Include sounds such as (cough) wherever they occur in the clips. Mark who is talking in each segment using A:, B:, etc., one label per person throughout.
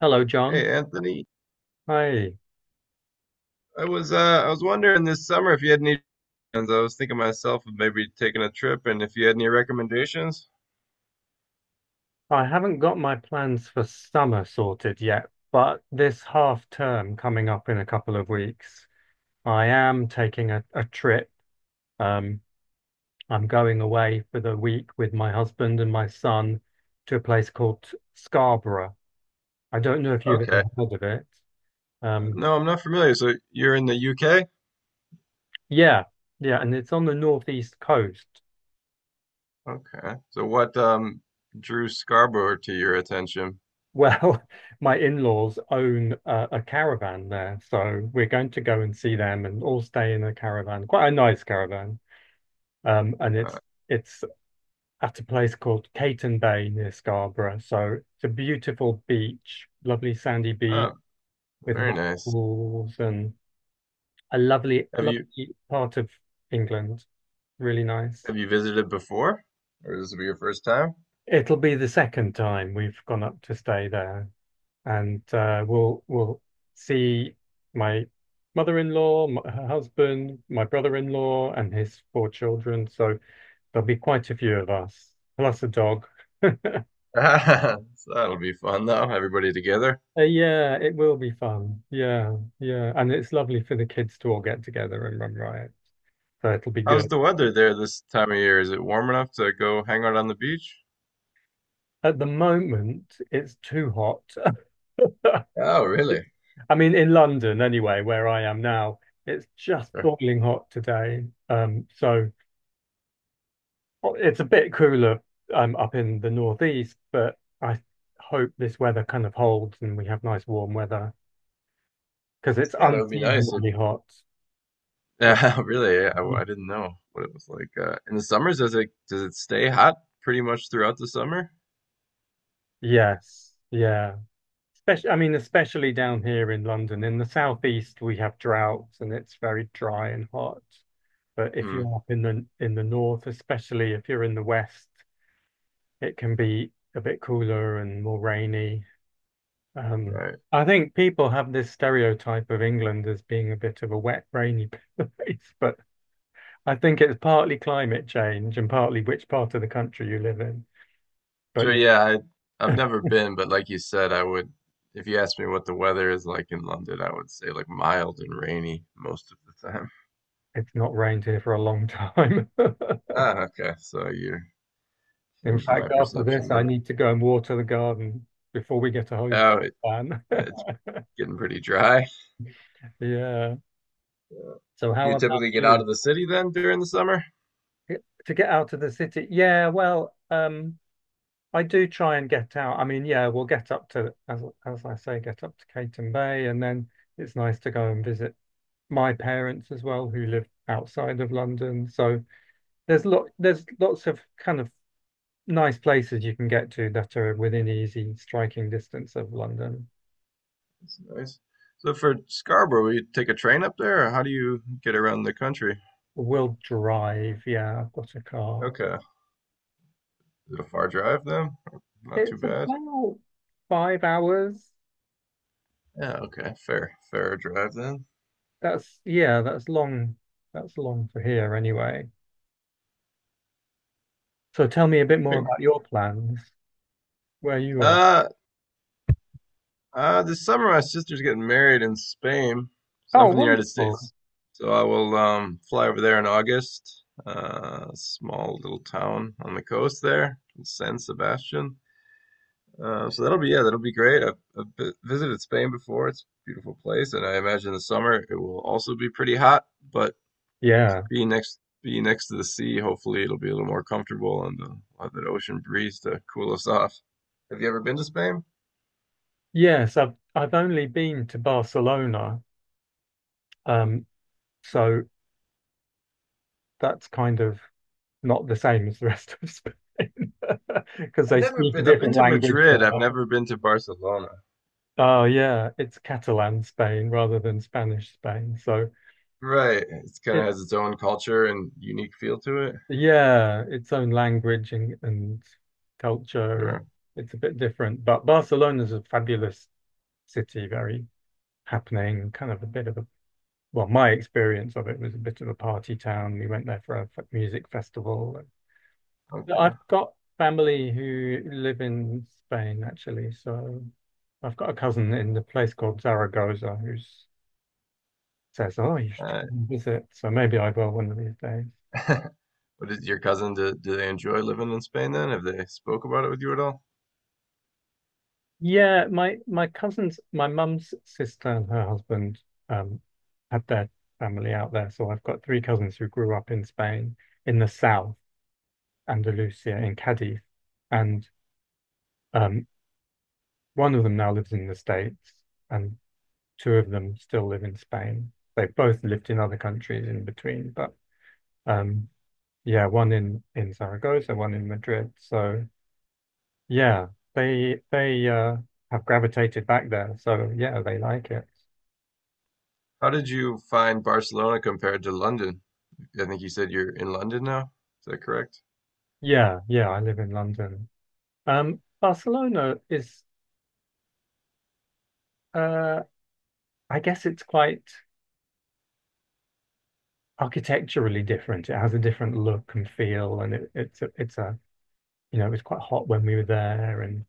A: Hello, John.
B: Hey Anthony,
A: Hi.
B: I was wondering this summer if you had any plans. I was thinking myself of maybe taking a trip and if you had any recommendations.
A: I haven't got my plans for summer sorted yet, but this half term coming up in a couple of weeks, I am taking a trip. Um, I'm going away for the week with my husband and my son to a place called Scarborough. I don't know if you've ever
B: Okay.
A: heard of it. Um,
B: No, I'm not familiar. So you're in the UK?
A: yeah, yeah, and it's on the northeast coast.
B: Okay. So what drew Scarborough to your attention?
A: Well, (laughs) my in-laws own a caravan there, so we're going to go and see them and all stay in a caravan, quite a nice caravan. And
B: Uh,
A: it's at a place called Caton Bay near Scarborough. So it's a beautiful beach, lovely sandy beach
B: oh,
A: with
B: very
A: rock
B: nice.
A: pools and a lovely,
B: Have you
A: lovely part of England. Really nice.
B: have you visited before? Or this will be your first time?
A: It'll be the second time we've gone up to stay there. And we'll see my mother-in-law, m her husband, my brother-in-law, and his four children. So there'll be quite a few of us, plus a dog.
B: (laughs) So that'll be fun though, everybody together.
A: Yeah, it will be fun. Yeah, yeah, and it's lovely for the kids to all get together and run riot. So it'll be
B: How's
A: good.
B: the weather there this time of year? Is it warm enough to go hang out on the beach?
A: At the moment, it's too hot. (laughs)
B: Oh, really?
A: It's- I mean, in London anyway, where I am now, it's just
B: (laughs)
A: boiling hot today. Well, it's a bit cooler up in the northeast, but I hope this weather kind of holds and we have nice warm weather because it's
B: Yeah, that would be nice.
A: unseasonably hot.
B: (laughs)
A: Right.
B: Yeah, really. Yeah, I didn't know what it was like. In the summers, does it stay hot pretty much throughout the summer?
A: Yes. Yeah. Especially, I mean, especially down here in London. In the southeast, we have droughts and it's very dry and hot. But if
B: Hmm.
A: you're up in the north, especially if you're in the west, it can be a bit cooler and more rainy. Um,
B: Right.
A: I think people have this stereotype of England as being a bit of a wet, rainy (laughs) place, but I think it's partly climate change and partly which part of the country you live in. But
B: Sure. Yeah. I've
A: yeah,
B: never
A: (laughs)
B: been, but like you said, I would. If you asked me what the weather is like in London, I would say like mild and rainy most of the time. (laughs)
A: it's not rained here for a long time. (laughs)
B: Ah, okay. So you're
A: In
B: changing my
A: fact, after
B: perception
A: this, I
B: then.
A: need to go and water the garden before we get a hose
B: Oh, it,
A: ban. (laughs)
B: it's getting pretty dry.
A: Yeah. So
B: Do
A: how
B: you
A: about
B: typically get out
A: you?
B: of the city then during the summer?
A: To get out of the city? Yeah, well, I do try and get out. I mean, yeah, we'll get up to, as I say, get up to Caton Bay, and then it's nice to go and visit my parents as well, who live outside of London. So there's lots of kind of nice places you can get to that are within easy striking distance of London.
B: That's nice. So for Scarborough, you take a train up there, or how do you get around the country?
A: We'll drive. Yeah, I've got a car.
B: Okay. Is it a far drive then? Not too
A: It's
B: bad.
A: about five hours.
B: Yeah, okay. Fair, fair drive then.
A: That's Yeah, that's long. That's long for here anyway. So tell me a
B: I
A: bit more
B: mean,
A: about your plans, where you are.
B: uh, this summer my sister's getting married in Spain. So I'm
A: Oh,
B: from the United
A: wonderful.
B: States. So I will fly over there in August. Small little town on the coast there, San Sebastian. That'll be great. I've visited Spain before. It's a beautiful place, and I imagine the summer it will also be pretty hot. But
A: Yeah.
B: being next to the sea, hopefully it'll be a little more comfortable, and we'll have that ocean breeze to cool us off. Have you ever been to Spain?
A: Yes, I've only been to Barcelona. Um, so that's kind of not the same as the rest of Spain (laughs) because
B: I've
A: they
B: never
A: speak a
B: been. I've been
A: different
B: to
A: language
B: Madrid. I've
A: there.
B: never been to Barcelona.
A: Oh yeah, it's Catalan Spain rather than Spanish Spain. So
B: Right. It kind of
A: it
B: has its own culture and unique feel to it.
A: yeah, its own language and culture.
B: Sure.
A: It's a bit different. But Barcelona's a fabulous city, very happening, kind of a bit of a well, my experience of it was a bit of a party town. We went there for a music festival. I've
B: Okay.
A: got family who live in Spain, actually. So I've got a cousin in the place called Zaragoza who says, "Oh, you should
B: Uh,
A: visit." So maybe I will one of these days.
B: (laughs) what is your cousin? Do they enjoy living in Spain then? Have they spoke about it with you at all?
A: Yeah, my cousins, my mum's sister and her husband um, had their family out there. So I've got three cousins who grew up in Spain, in the south, Andalusia, in Cadiz, and um, one of them now lives in the States, and two of them still live in Spain. They've both lived in other countries in between, but um, yeah, one in Zaragoza, one in Madrid. So yeah, they have gravitated back there. So yeah, they like it.
B: How did you find Barcelona compared to London? I think you said you're in London now. Is that correct?
A: Yeah, yeah, I live in London. Barcelona is, uh, I guess it's quite architecturally different. It has a different look and feel, and it, it's a, you know, it was quite hot when we were there, and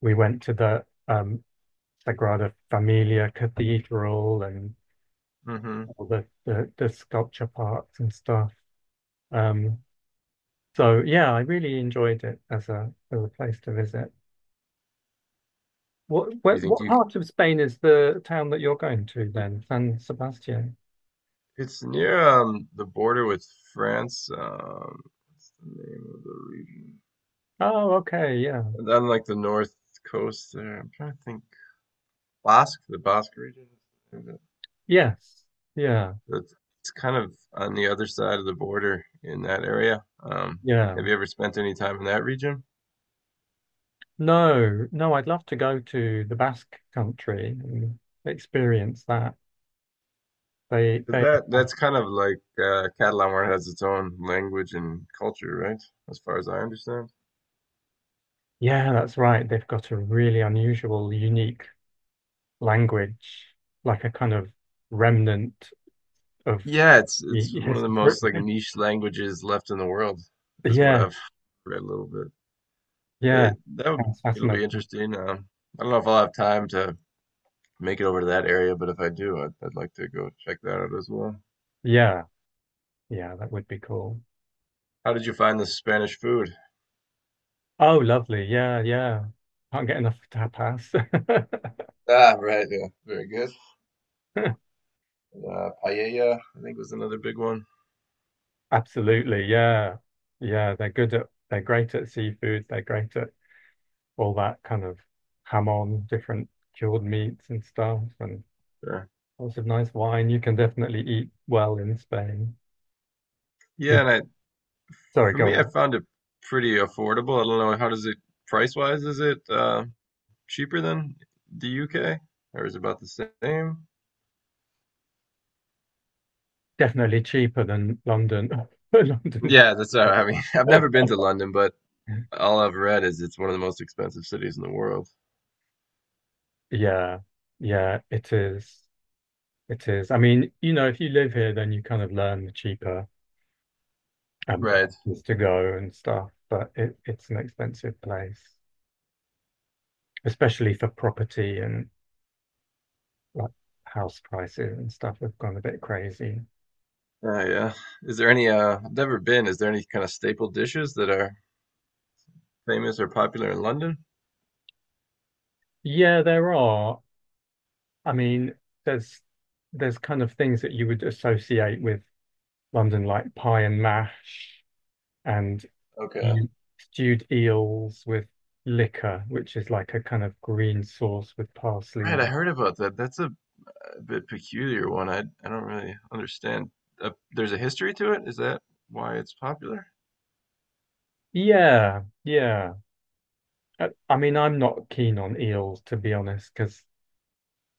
A: we went to the Sagrada Familia Cathedral and
B: Mm-hmm.
A: all the sculpture parks and stuff. Um, so yeah, I really enjoyed it as a place to visit. What
B: you
A: what,
B: think
A: what
B: you?
A: part of Spain is the town that you're going to then? San Sebastian.
B: It's near the border with France. What's the name of the region?
A: Oh, okay, yeah.
B: And then like the north coast there. I'm trying to think. Basque, the Basque region. Is it?
A: Yes. Yeah.
B: That's It's kind of on the other side of the border in that area.
A: Yeah.
B: Have you ever spent any time in that region?
A: No, no, I'd love to go to the Basque country and experience that.
B: 'Cause
A: They have
B: that's kind of like Catalan has its own language and culture, right? As far as I understand.
A: Yeah, that's right. They've got a really unusual, unique language, like a kind of remnant of
B: Yeah, it's
A: the
B: one of the
A: historic.
B: most like
A: (laughs)
B: niche languages left in the world, is what
A: Yeah,
B: I've read a little bit.
A: yeah.
B: But that would be,
A: That's
B: It'll be
A: fascinating.
B: interesting. I don't know if I'll have time to make it over to that area, but if I do, I'd like to go check that out as well.
A: Yeah, yeah, that would be cool.
B: How did you find the Spanish food?
A: Oh, lovely. Yeah, yeah. Can't get enough tapas.
B: Ah, right, yeah, very good.
A: (laughs)
B: Paella, I think was another big one.
A: Absolutely. Yeah. Yeah, they're great at seafood, they're great at all that kind of ham on, different cured meats and stuff and
B: Yeah,
A: lots of nice wine. You can definitely eat well in Spain.
B: yeah,
A: You-
B: and I,
A: Sorry,
B: For
A: go
B: me, I
A: on.
B: found it pretty affordable. I don't know how does it Price wise, is it cheaper than the UK or is it about the same?
A: Definitely cheaper than London. (laughs) London's.
B: Yeah, that's
A: (laughs)
B: I mean, (laughs) I've never been to London, but all I've read is it's one of the most expensive cities in the world.
A: Yeah, yeah, it is. It is. I mean, you know, if you live here, then you kind of learn the cheaper
B: Right.
A: places to go and stuff. But it's an expensive place, especially for property and like house prices and stuff have gone a bit crazy.
B: Yeah. Is there any I've never been, is there any kind of staple dishes that are famous or popular in London?
A: Yeah, there are. I mean, there's there's kind of things that you would associate with London, like pie and mash and
B: Okay.
A: mm, stewed eels with liquor, which is like a kind of green sauce with parsley
B: Right, I
A: and
B: heard about that. That's a bit peculiar one. I don't really understand. There's a history to it. Is that why it's popular?
A: yeah, yeah. I mean, I'm not keen on eels to be honest, because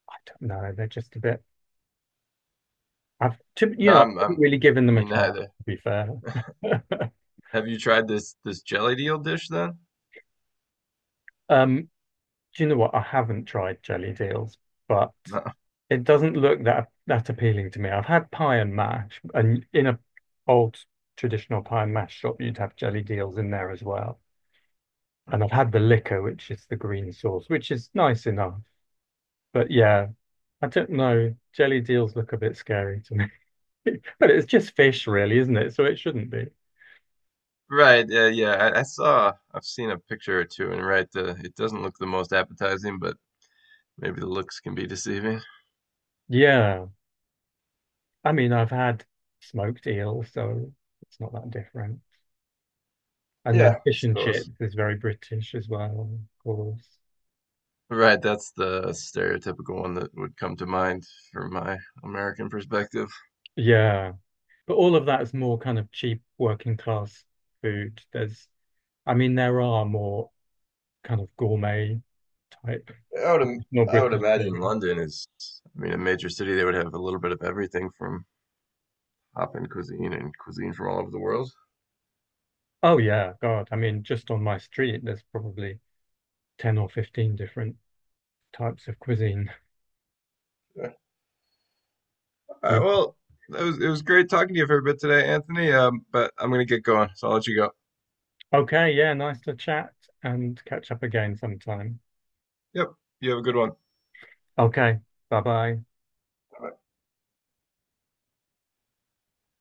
A: I don't know, they're just a bit. I've to You
B: No,
A: know, I haven't
B: I'm
A: really given them a
B: me
A: chance
B: neither.
A: to be fair.
B: Have you tried this jelly deal dish then?
A: (laughs) Um, Do you know what? I haven't tried jelly deals, but
B: No. (laughs)
A: it doesn't look that appealing to me. I've had pie and mash, and in a old traditional pie and mash shop, you'd have jelly deals in there as well. And I've had the liquor, which is the green sauce, which is nice enough. But yeah, I don't know. Jelly deals look a bit scary to me. (laughs) But it's just fish, really, isn't it? So it shouldn't be.
B: Right, yeah, yeah. I saw, I've seen a picture or two, and right, it doesn't look the most appetizing, but maybe the looks can be deceiving.
A: Yeah. I mean, I've had smoked eel, so it's not that different. And then
B: Yeah, I
A: fish and
B: suppose.
A: chips is very British as well, of course.
B: Right, that's the stereotypical one that would come to mind from my American perspective.
A: Yeah. But all of that is more kind of cheap working class food. I mean, there are more kind of gourmet type, more
B: I would
A: British things.
B: imagine I mean, a major city. They would have a little bit of everything from hop-in cuisine and cuisine from all over the world.
A: Oh, yeah. God. I mean, just on my street, there's probably 10 or 15 different types of cuisine.
B: All
A: Yeah.
B: right, well, it was great talking to you for a bit today, Anthony. But I'm gonna get going, so I'll let you go.
A: Okay. Yeah. Nice to chat and catch up again sometime.
B: Yep, you have a good one.
A: Okay. Bye bye.
B: Bye.